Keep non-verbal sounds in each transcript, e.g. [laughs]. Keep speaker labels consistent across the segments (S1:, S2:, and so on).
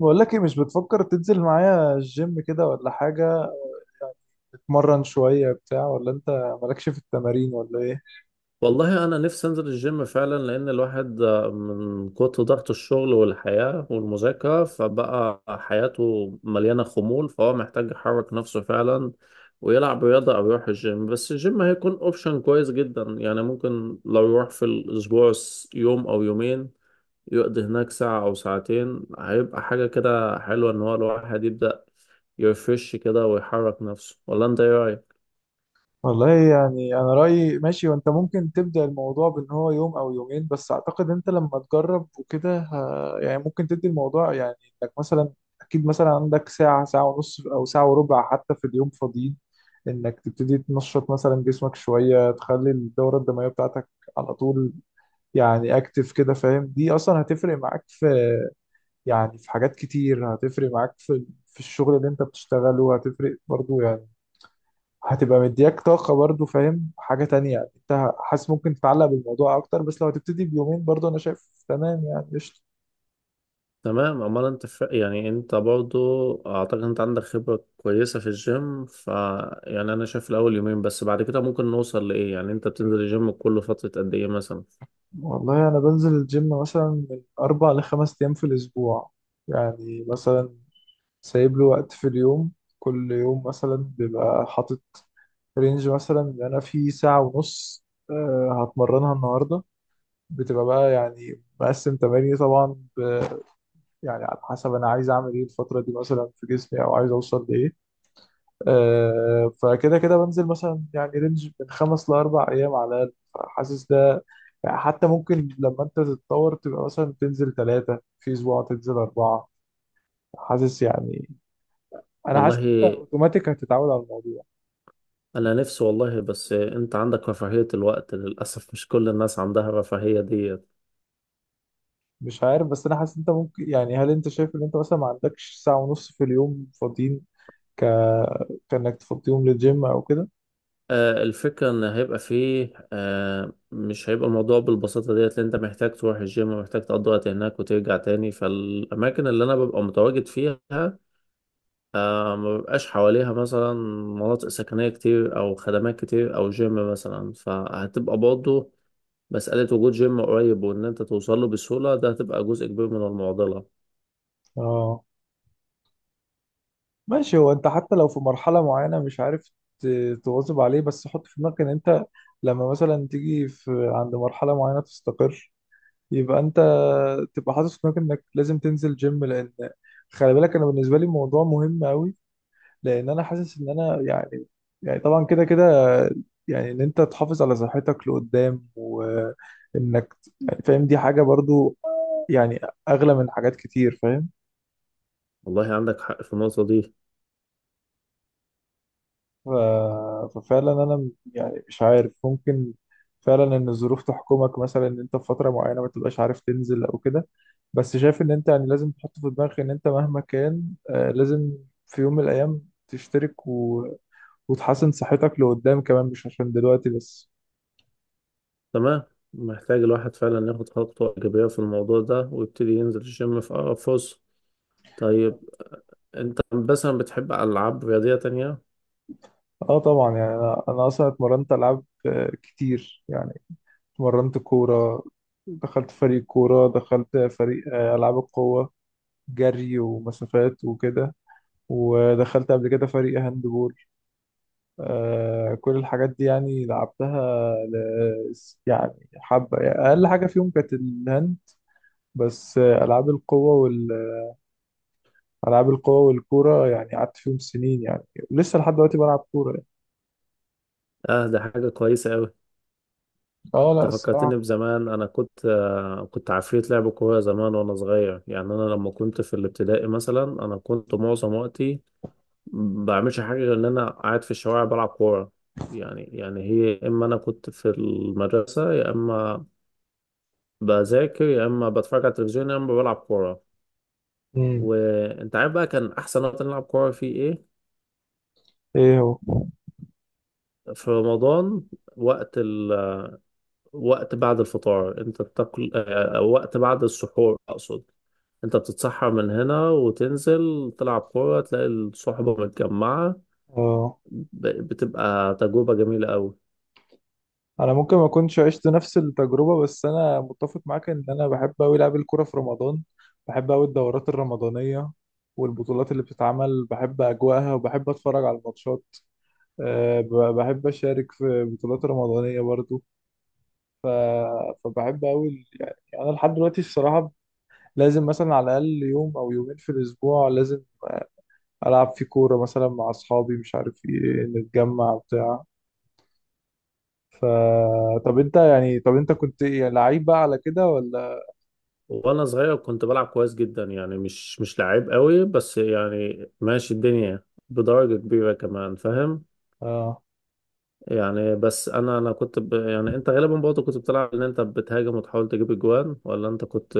S1: بقول لك ايه؟ مش بتفكر تنزل معايا الجيم كده ولا حاجة؟ تتمرن شوية بتاع ولا انت مالكش في التمارين ولا ايه؟
S2: والله انا نفسي انزل الجيم فعلا لان الواحد من كتر ضغط الشغل والحياة والمذاكرة فبقى حياته مليانة خمول، فهو محتاج يحرك نفسه فعلا ويلعب رياضة او يروح الجيم. بس الجيم هيكون اوبشن كويس جدا. يعني ممكن لو يروح في الاسبوع يوم او يومين يقضي هناك ساعة او ساعتين هيبقى حاجة كده حلوة، ان هو الواحد يبدأ يرفرش كده ويحرك نفسه. ولا انت ايه رأيك؟
S1: والله يعني انا رأيي ماشي، وانت ممكن تبدأ الموضوع بان هو يوم او يومين، بس اعتقد انت لما تجرب وكده يعني ممكن تدي الموضوع يعني انك مثلا. اكيد مثلا عندك ساعة ونص او ساعة وربع حتى في اليوم فاضيين انك تبتدي تنشط مثلا جسمك شوية، تخلي الدورة الدموية بتاعتك على طول. يعني اكتف كده فاهم، دي اصلا هتفرق معاك في، يعني في حاجات كتير هتفرق معاك في الشغل اللي انت بتشتغله، هتفرق برضو يعني. هتبقى مدياك طاقة برضو فاهم، حاجة تانية يعني انت حاسس ممكن تتعلق بالموضوع اكتر، بس لو هتبتدي بيومين برضو انا شايف تمام يعني قشطة.
S2: تمام. امال انت ف... يعني انت برضو اعتقد انت عندك خبرة كويسة في الجيم. ف يعني انا شايف الاول يومين بس، بعد كده ممكن نوصل لايه. يعني انت بتنزل الجيم كل فترة قد ايه مثلا؟
S1: والله انا بنزل الجيم مثلا من اربع لخمس ايام في الاسبوع، يعني مثلا سايب له وقت في اليوم، كل يوم مثلا بيبقى حاطط رينج مثلا ان انا في ساعة ونص هتمرنها النهاردة، بتبقى بقى يعني مقسم تماريني طبعا يعني على حسب انا عايز اعمل ايه الفتره دي مثلا في جسمي او عايز اوصل لايه. آه فكده كده بنزل مثلا يعني رينج من خمس لاربع ايام على الاقل، فحاسس ده يعني حتى ممكن لما انت تتطور تبقى مثلا تنزل ثلاثه في اسبوع تنزل اربعه. حاسس يعني انا
S2: والله
S1: حاسس ان انت اوتوماتيك هتتعود على الموضوع.
S2: انا نفسي والله، بس انت عندك رفاهية الوقت. للاسف مش كل الناس عندها الرفاهية ديت.
S1: مش عارف، بس انا حاسس إن انت ممكن يعني، هل انت شايف ان انت مثلا ما عندكش ساعه ونص في اليوم فاضيين ك كانك تفضيهم للجيم او كده؟
S2: آه، الفكرة ان هيبقى فيه آه، مش هيبقى الموضوع بالبساطة ديت. لان انت محتاج تروح الجيم ومحتاج تقضي وقت هناك وترجع تاني، فالاماكن اللي انا ببقى متواجد فيها آه ما بيبقاش حواليها مثلا مناطق سكنية كتير أو خدمات كتير أو جيم مثلا. فهتبقى برضه مسألة وجود جيم قريب وإن أنت توصل له بسهولة، ده هتبقى جزء كبير من المعضلة.
S1: اه ماشي، هو انت حتى لو في مرحلة معينة مش عارف تواظب عليه، بس حط في دماغك ان انت لما مثلا تيجي في عند مرحلة معينة تستقر يبقى انت تبقى حاطط في دماغك انك لازم تنزل جيم. لان خلي بالك انا بالنسبة لي الموضوع مهم قوي، لان انا حاسس ان انا يعني طبعا كده كده يعني ان انت تحافظ على صحتك لقدام، وانك يعني فاهم دي حاجة برضو يعني اغلى من حاجات كتير فاهم.
S2: والله عندك حق في النقطة دي.
S1: ففعلا انا يعني مش عارف، ممكن فعلا ان الظروف تحكمك، مثلا ان انت في فتره معينه ما تبقاش عارف تنزل او كده، بس شايف ان انت يعني لازم تحط في دماغك ان انت مهما كان لازم في يوم من الايام تشترك وتحسن صحتك لقدام كمان، مش عشان دلوقتي بس.
S2: تمام. محتاج الواحد فعلا ياخد خطوة إيجابية في الموضوع ده ويبتدي ينزل الجيم في أقرب فرصة. طيب، أنت مثلا بتحب ألعاب رياضية تانية؟
S1: اه طبعا، يعني انا اصلا اتمرنت العاب كتير يعني. اتمرنت كوره، دخلت فريق كوره، دخلت فريق العاب القوه، جري ومسافات وكده، ودخلت قبل كده فريق هاند بول. كل الحاجات دي يعني لعبتها يعني حبة، يعني أقل حاجة فيهم كانت الهاند، بس ألعاب القوة ألعاب القوة والكورة يعني قعدت فيهم سنين يعني، ولسه لحد دلوقتي بلعب كورة يعني.
S2: آه ده حاجة كويسة أوي.
S1: اه لا
S2: انت فكرتني
S1: الصراحة.
S2: بزمان، انا كنت كنت عفريت لعب كوره زمان وانا صغير. يعني انا لما كنت في الابتدائي مثلا انا كنت معظم وقتي ما بعملش حاجه غير ان انا قاعد في الشوارع بلعب كوره. يعني هي، يا اما انا كنت في المدرسه، يا اما بذاكر، يا اما بتفرج على التلفزيون، يا اما بلعب كوره.
S1: مم.
S2: وانت عارف بقى كان احسن وقت نلعب كوره فيه ايه؟
S1: ايه هو؟
S2: في رمضان. وقت وقت بعد الفطار، انت بتاكل وقت بعد السحور اقصد. انت بتتسحر من هنا وتنزل تلعب كورة تلاقي الصحبة متجمعة.
S1: اه.
S2: بتبقى تجربة جميلة قوي.
S1: انا ممكن ما كنتش عشت نفس التجربه، بس انا متفق معاك ان انا بحب قوي العب الكوره في رمضان، بحب قوي الدورات الرمضانيه والبطولات اللي بتتعمل، بحب اجواءها وبحب اتفرج على الماتشات. أه بحب اشارك في بطولات رمضانيه برضو. ف... فبحب قوي يعني انا لحد دلوقتي الصراحه لازم مثلا على الاقل يوم او يومين في الاسبوع لازم العب في كوره مثلا مع اصحابي، مش عارف ايه، نتجمع بتاع. ف طب انت يعني، طب انت كنت إيه، لعيب بقى على كده ولا؟
S2: وانا صغير كنت بلعب كويس جدا يعني، مش لعيب قوي، بس يعني ماشي الدنيا بدرجة كبيرة كمان، فاهم؟
S1: اه
S2: يعني بس انا كنت ب... يعني انت غالبا برضه كنت بتلعب ان انت بتهاجم وتحاول تجيب اجوان، ولا انت كنت؟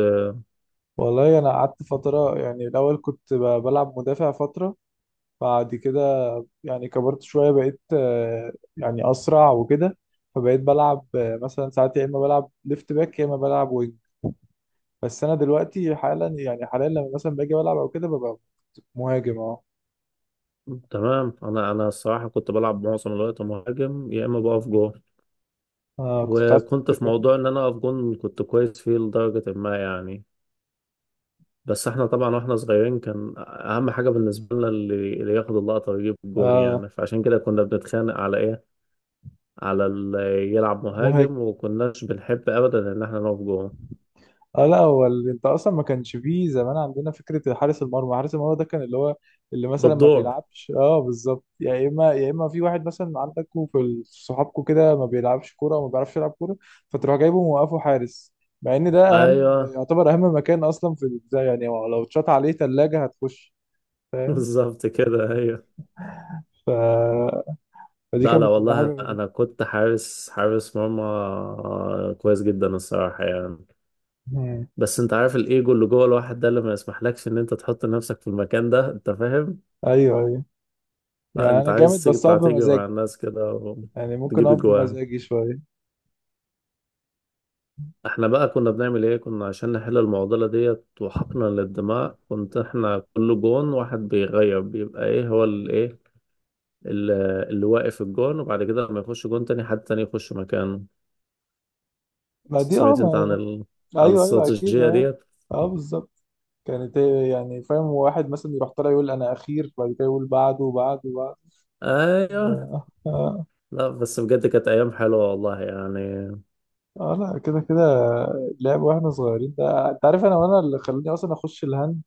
S1: والله انا قعدت فتره، يعني الاول كنت بلعب مدافع فتره، بعد كده يعني كبرت شويه، بقيت يعني اسرع وكده، فبقيت بلعب مثلا ساعات يا اما بلعب ليفت باك يا اما بلعب وينج، بس انا دلوقتي حالا يعني حاليا لما مثلا باجي بلعب او كده ببقى مهاجم. اه.
S2: تمام. انا الصراحه كنت بلعب معظم الوقت مهاجم، يا اما بقف جون.
S1: آه، كنت بتعرف
S2: وكنت
S1: تصد
S2: في
S1: كمان.
S2: موضوع ان انا اقف جون كنت كويس فيه لدرجه ما يعني. بس احنا طبعا واحنا صغيرين كان اهم حاجه بالنسبه لنا اللي ياخد اللقطه ويجيب الجون
S1: اه
S2: يعني، فعشان كده كنا بنتخانق على ايه، على اللي يلعب
S1: مهاجم.
S2: مهاجم، وكناش بنحب ابدا ان احنا نقف جون
S1: اه لا، هو انت اصلا ما كانش فيه زمان عندنا فكره حارس المرمى. حارس المرمى ده كان اللي هو اللي مثلا ما
S2: بالدور.
S1: بيلعبش، اه بالظبط، يا اما يا اما في واحد مثلا عندكوا في صحابكوا كده ما بيلعبش كوره وما بيعرفش يلعب كوره، فتروح جايبه موقفه حارس، مع ان ده اهم،
S2: ايوه.
S1: يعتبر اهم مكان اصلا في البتاع، يعني هو لو اتشاط عليه ثلاجه هتخش
S2: [laughs]
S1: فاهم.
S2: بالظبط كده، ايوه.
S1: ف... فدي
S2: لا
S1: كانت
S2: لا
S1: بتبقى
S2: والله
S1: حاجه
S2: انا
S1: غريبه.
S2: أنا كنت حارس مرمى كويس جدا الصراحه يعني.
S1: مم.
S2: بس انت عارف الايجو اللي جوه الواحد ده اللي ما يسمحلكش ان انت تحط نفسك في المكان ده، انت فاهم.
S1: ايوه، ايوه. يعني
S2: انت
S1: انا جامد
S2: عايز تيجي
S1: بس اقف
S2: تطلع تيجي مع
S1: بمزاجي،
S2: الناس كده
S1: يعني ممكن
S2: وتجيب
S1: اقف
S2: اجوان.
S1: بمزاجي شويه.
S2: احنا بقى كنا بنعمل ايه؟ كنا عشان نحل المعضله ديت وحقنا للدماء، كنت احنا كل جون واحد بيغير بيبقى ايه هو الايه اللي, اللي واقف الجون، وبعد كده لما يخش جون تاني، حد تاني يخش مكانه.
S1: ما دي اه
S2: سمعت انت عن
S1: ما...
S2: ال... عن
S1: ايوه ايوه اكيد
S2: الاستراتيجيه
S1: اه،
S2: ديت؟
S1: اه بالظبط. كانت هي يعني فاهم، واحد مثلا يروح طالع يقول انا اخير، بعد كده يقول بعده وبعده وبعده
S2: ايوه.
S1: و- [laughs] اه.
S2: لا بس بجد كانت ايام حلوه والله يعني.
S1: لا كده كده لعب واحنا صغيرين ده، انت عارف انا وانا اللي خلاني اصلا اخش الهند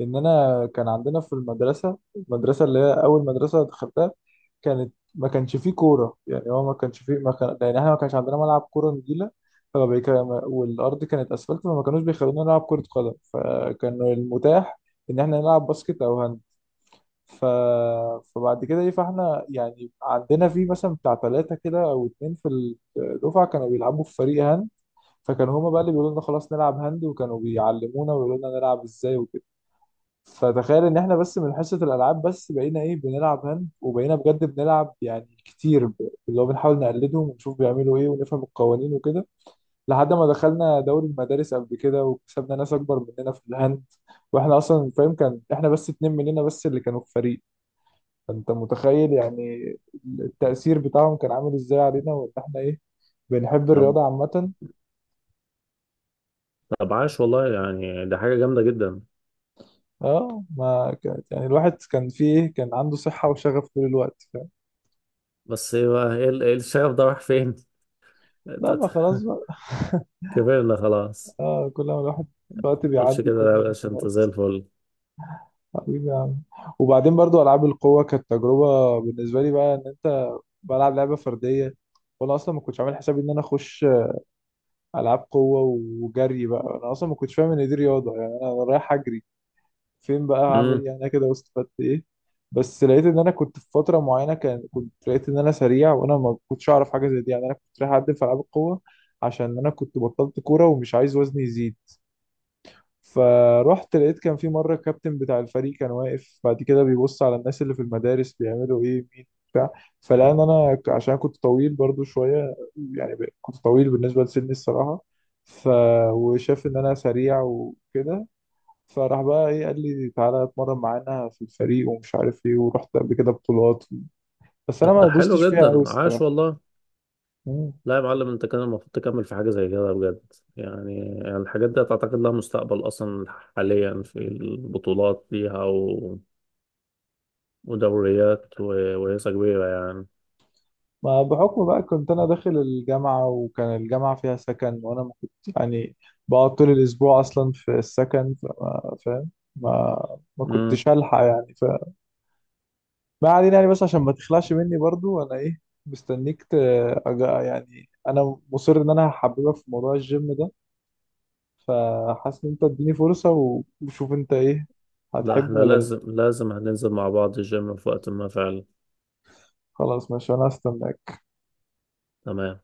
S1: ان انا كان عندنا في المدرسه، المدرسه اللي هي اول مدرسه دخلتها كانت ما كانش فيه كوره. يعني هو ما كانش فيه، ما كان يعني احنا ما كانش عندنا ملعب كوره نجيله، فما بيك- والارض كانت اسفلت، فما كانوش بيخلونا نلعب كره قدم، فكان المتاح ان احنا نلعب باسكت او هاند. ف... فبعد كده ايه، فاحنا يعني عندنا في مثلا بتاع ثلاثة كده او اتنين في الدفعة كانوا بيلعبوا في فريق هاند، فكانوا هما بقى اللي بيقولوا لنا خلاص نلعب هاند، وكانوا بيعلمونا ويقولوا لنا نلعب ازاي وكده. فتخيل ان احنا بس من حصة الالعاب بس بقينا ايه بنلعب هاند، وبقينا بجد بنلعب يعني كتير اللي هو بنحاول نقلدهم ونشوف بيعملوا ايه ونفهم القوانين وكده، لحد ما دخلنا دوري المدارس قبل كده وكسبنا ناس اكبر مننا في الهاند. واحنا اصلا فاهم كان احنا بس اتنين مننا بس اللي كانوا في فريق، فانت متخيل يعني التأثير بتاعهم كان عامل ازاي علينا، وان احنا ايه بنحب
S2: طب
S1: الرياضة عامة.
S2: طب عاش والله يعني، ده حاجة جامدة جدا.
S1: اه ما كانت يعني الواحد كان فيه ايه، كان عنده صحة وشغف طول الوقت فاهم.
S2: بس ايه بقى، إيه الشغف ده راح فين؟
S1: لا ما خلاص
S2: [laughs]
S1: بقى [laughs]
S2: كبرنا خلاص.
S1: اه كل ما الواحد الوقت
S2: متقولش
S1: بيعدي
S2: كده،
S1: كل
S2: لا يا
S1: ما
S2: باشا، انت زي
S1: خلاص.
S2: الفل.
S1: حبيبي يا عم، وبعدين برضو ألعاب القوة كانت تجربة بالنسبة لي بقى إن أنت بلعب لعبة فردية، وأنا أصلا ما كنتش عامل حسابي إن أنا أخش ألعاب قوة وجري بقى. أنا أصلا ما كنتش فاهم إن دي رياضة، يعني أنا رايح أجري فين بقى؟ هعمل ايه
S2: امم
S1: يعني انا كده واستفدت ايه؟ بس لقيت ان انا كنت في فتره معينه، كان كنت لقيت ان انا سريع وانا ما كنتش اعرف حاجه زي دي، يعني انا كنت رايح اقدم في العاب القوه عشان انا كنت بطلت كوره ومش عايز وزني يزيد، فروحت لقيت كان في مره الكابتن بتاع الفريق كان واقف بعد كده بيبص على الناس اللي في المدارس بيعملوا ايه مين بتاع، فلقى ان انا عشان كنت طويل برضو شويه، يعني كنت طويل بالنسبه لسني الصراحه، ف وشاف ان انا سريع وكده، فراح بقى ايه قال لي تعالى اتمرن معانا في الفريق، ومش عارف ايه، ورحت قبل كده بطولات، بس انا
S2: طب ده
S1: ما دوستش
S2: حلو
S1: فيها قوي
S2: جدا، عاش
S1: الصراحه.
S2: والله.
S1: مم.
S2: لا يا معلم، انت كان المفروض تكمل في حاجة زي كده بجد يعني. يعني الحاجات دي تعتقد لها مستقبل اصلا حاليا، في البطولات ليها و... ودوريات و... ورياضة كبيرة يعني.
S1: ما بحكم بقى كنت انا داخل الجامعه، وكان الجامعه فيها سكن وانا ما كنت يعني بقعد طول الاسبوع اصلا في السكن فما فاهم، ما ما
S2: امم.
S1: كنتش هلحق يعني، فما علينا يعني، بس عشان ما تخلعش مني برضو انا ايه، مستنيك يعني انا مصر ان انا هحببك في موضوع الجيم ده، فحاسس ان انت اديني فرصة وشوف انت ايه
S2: لا
S1: هتحبه
S2: احنا
S1: ولا لا.
S2: لازم هننزل مع بعض الجيم في وقت ما فعلا.
S1: خلاص ماشي، انا هستناك.
S2: تمام.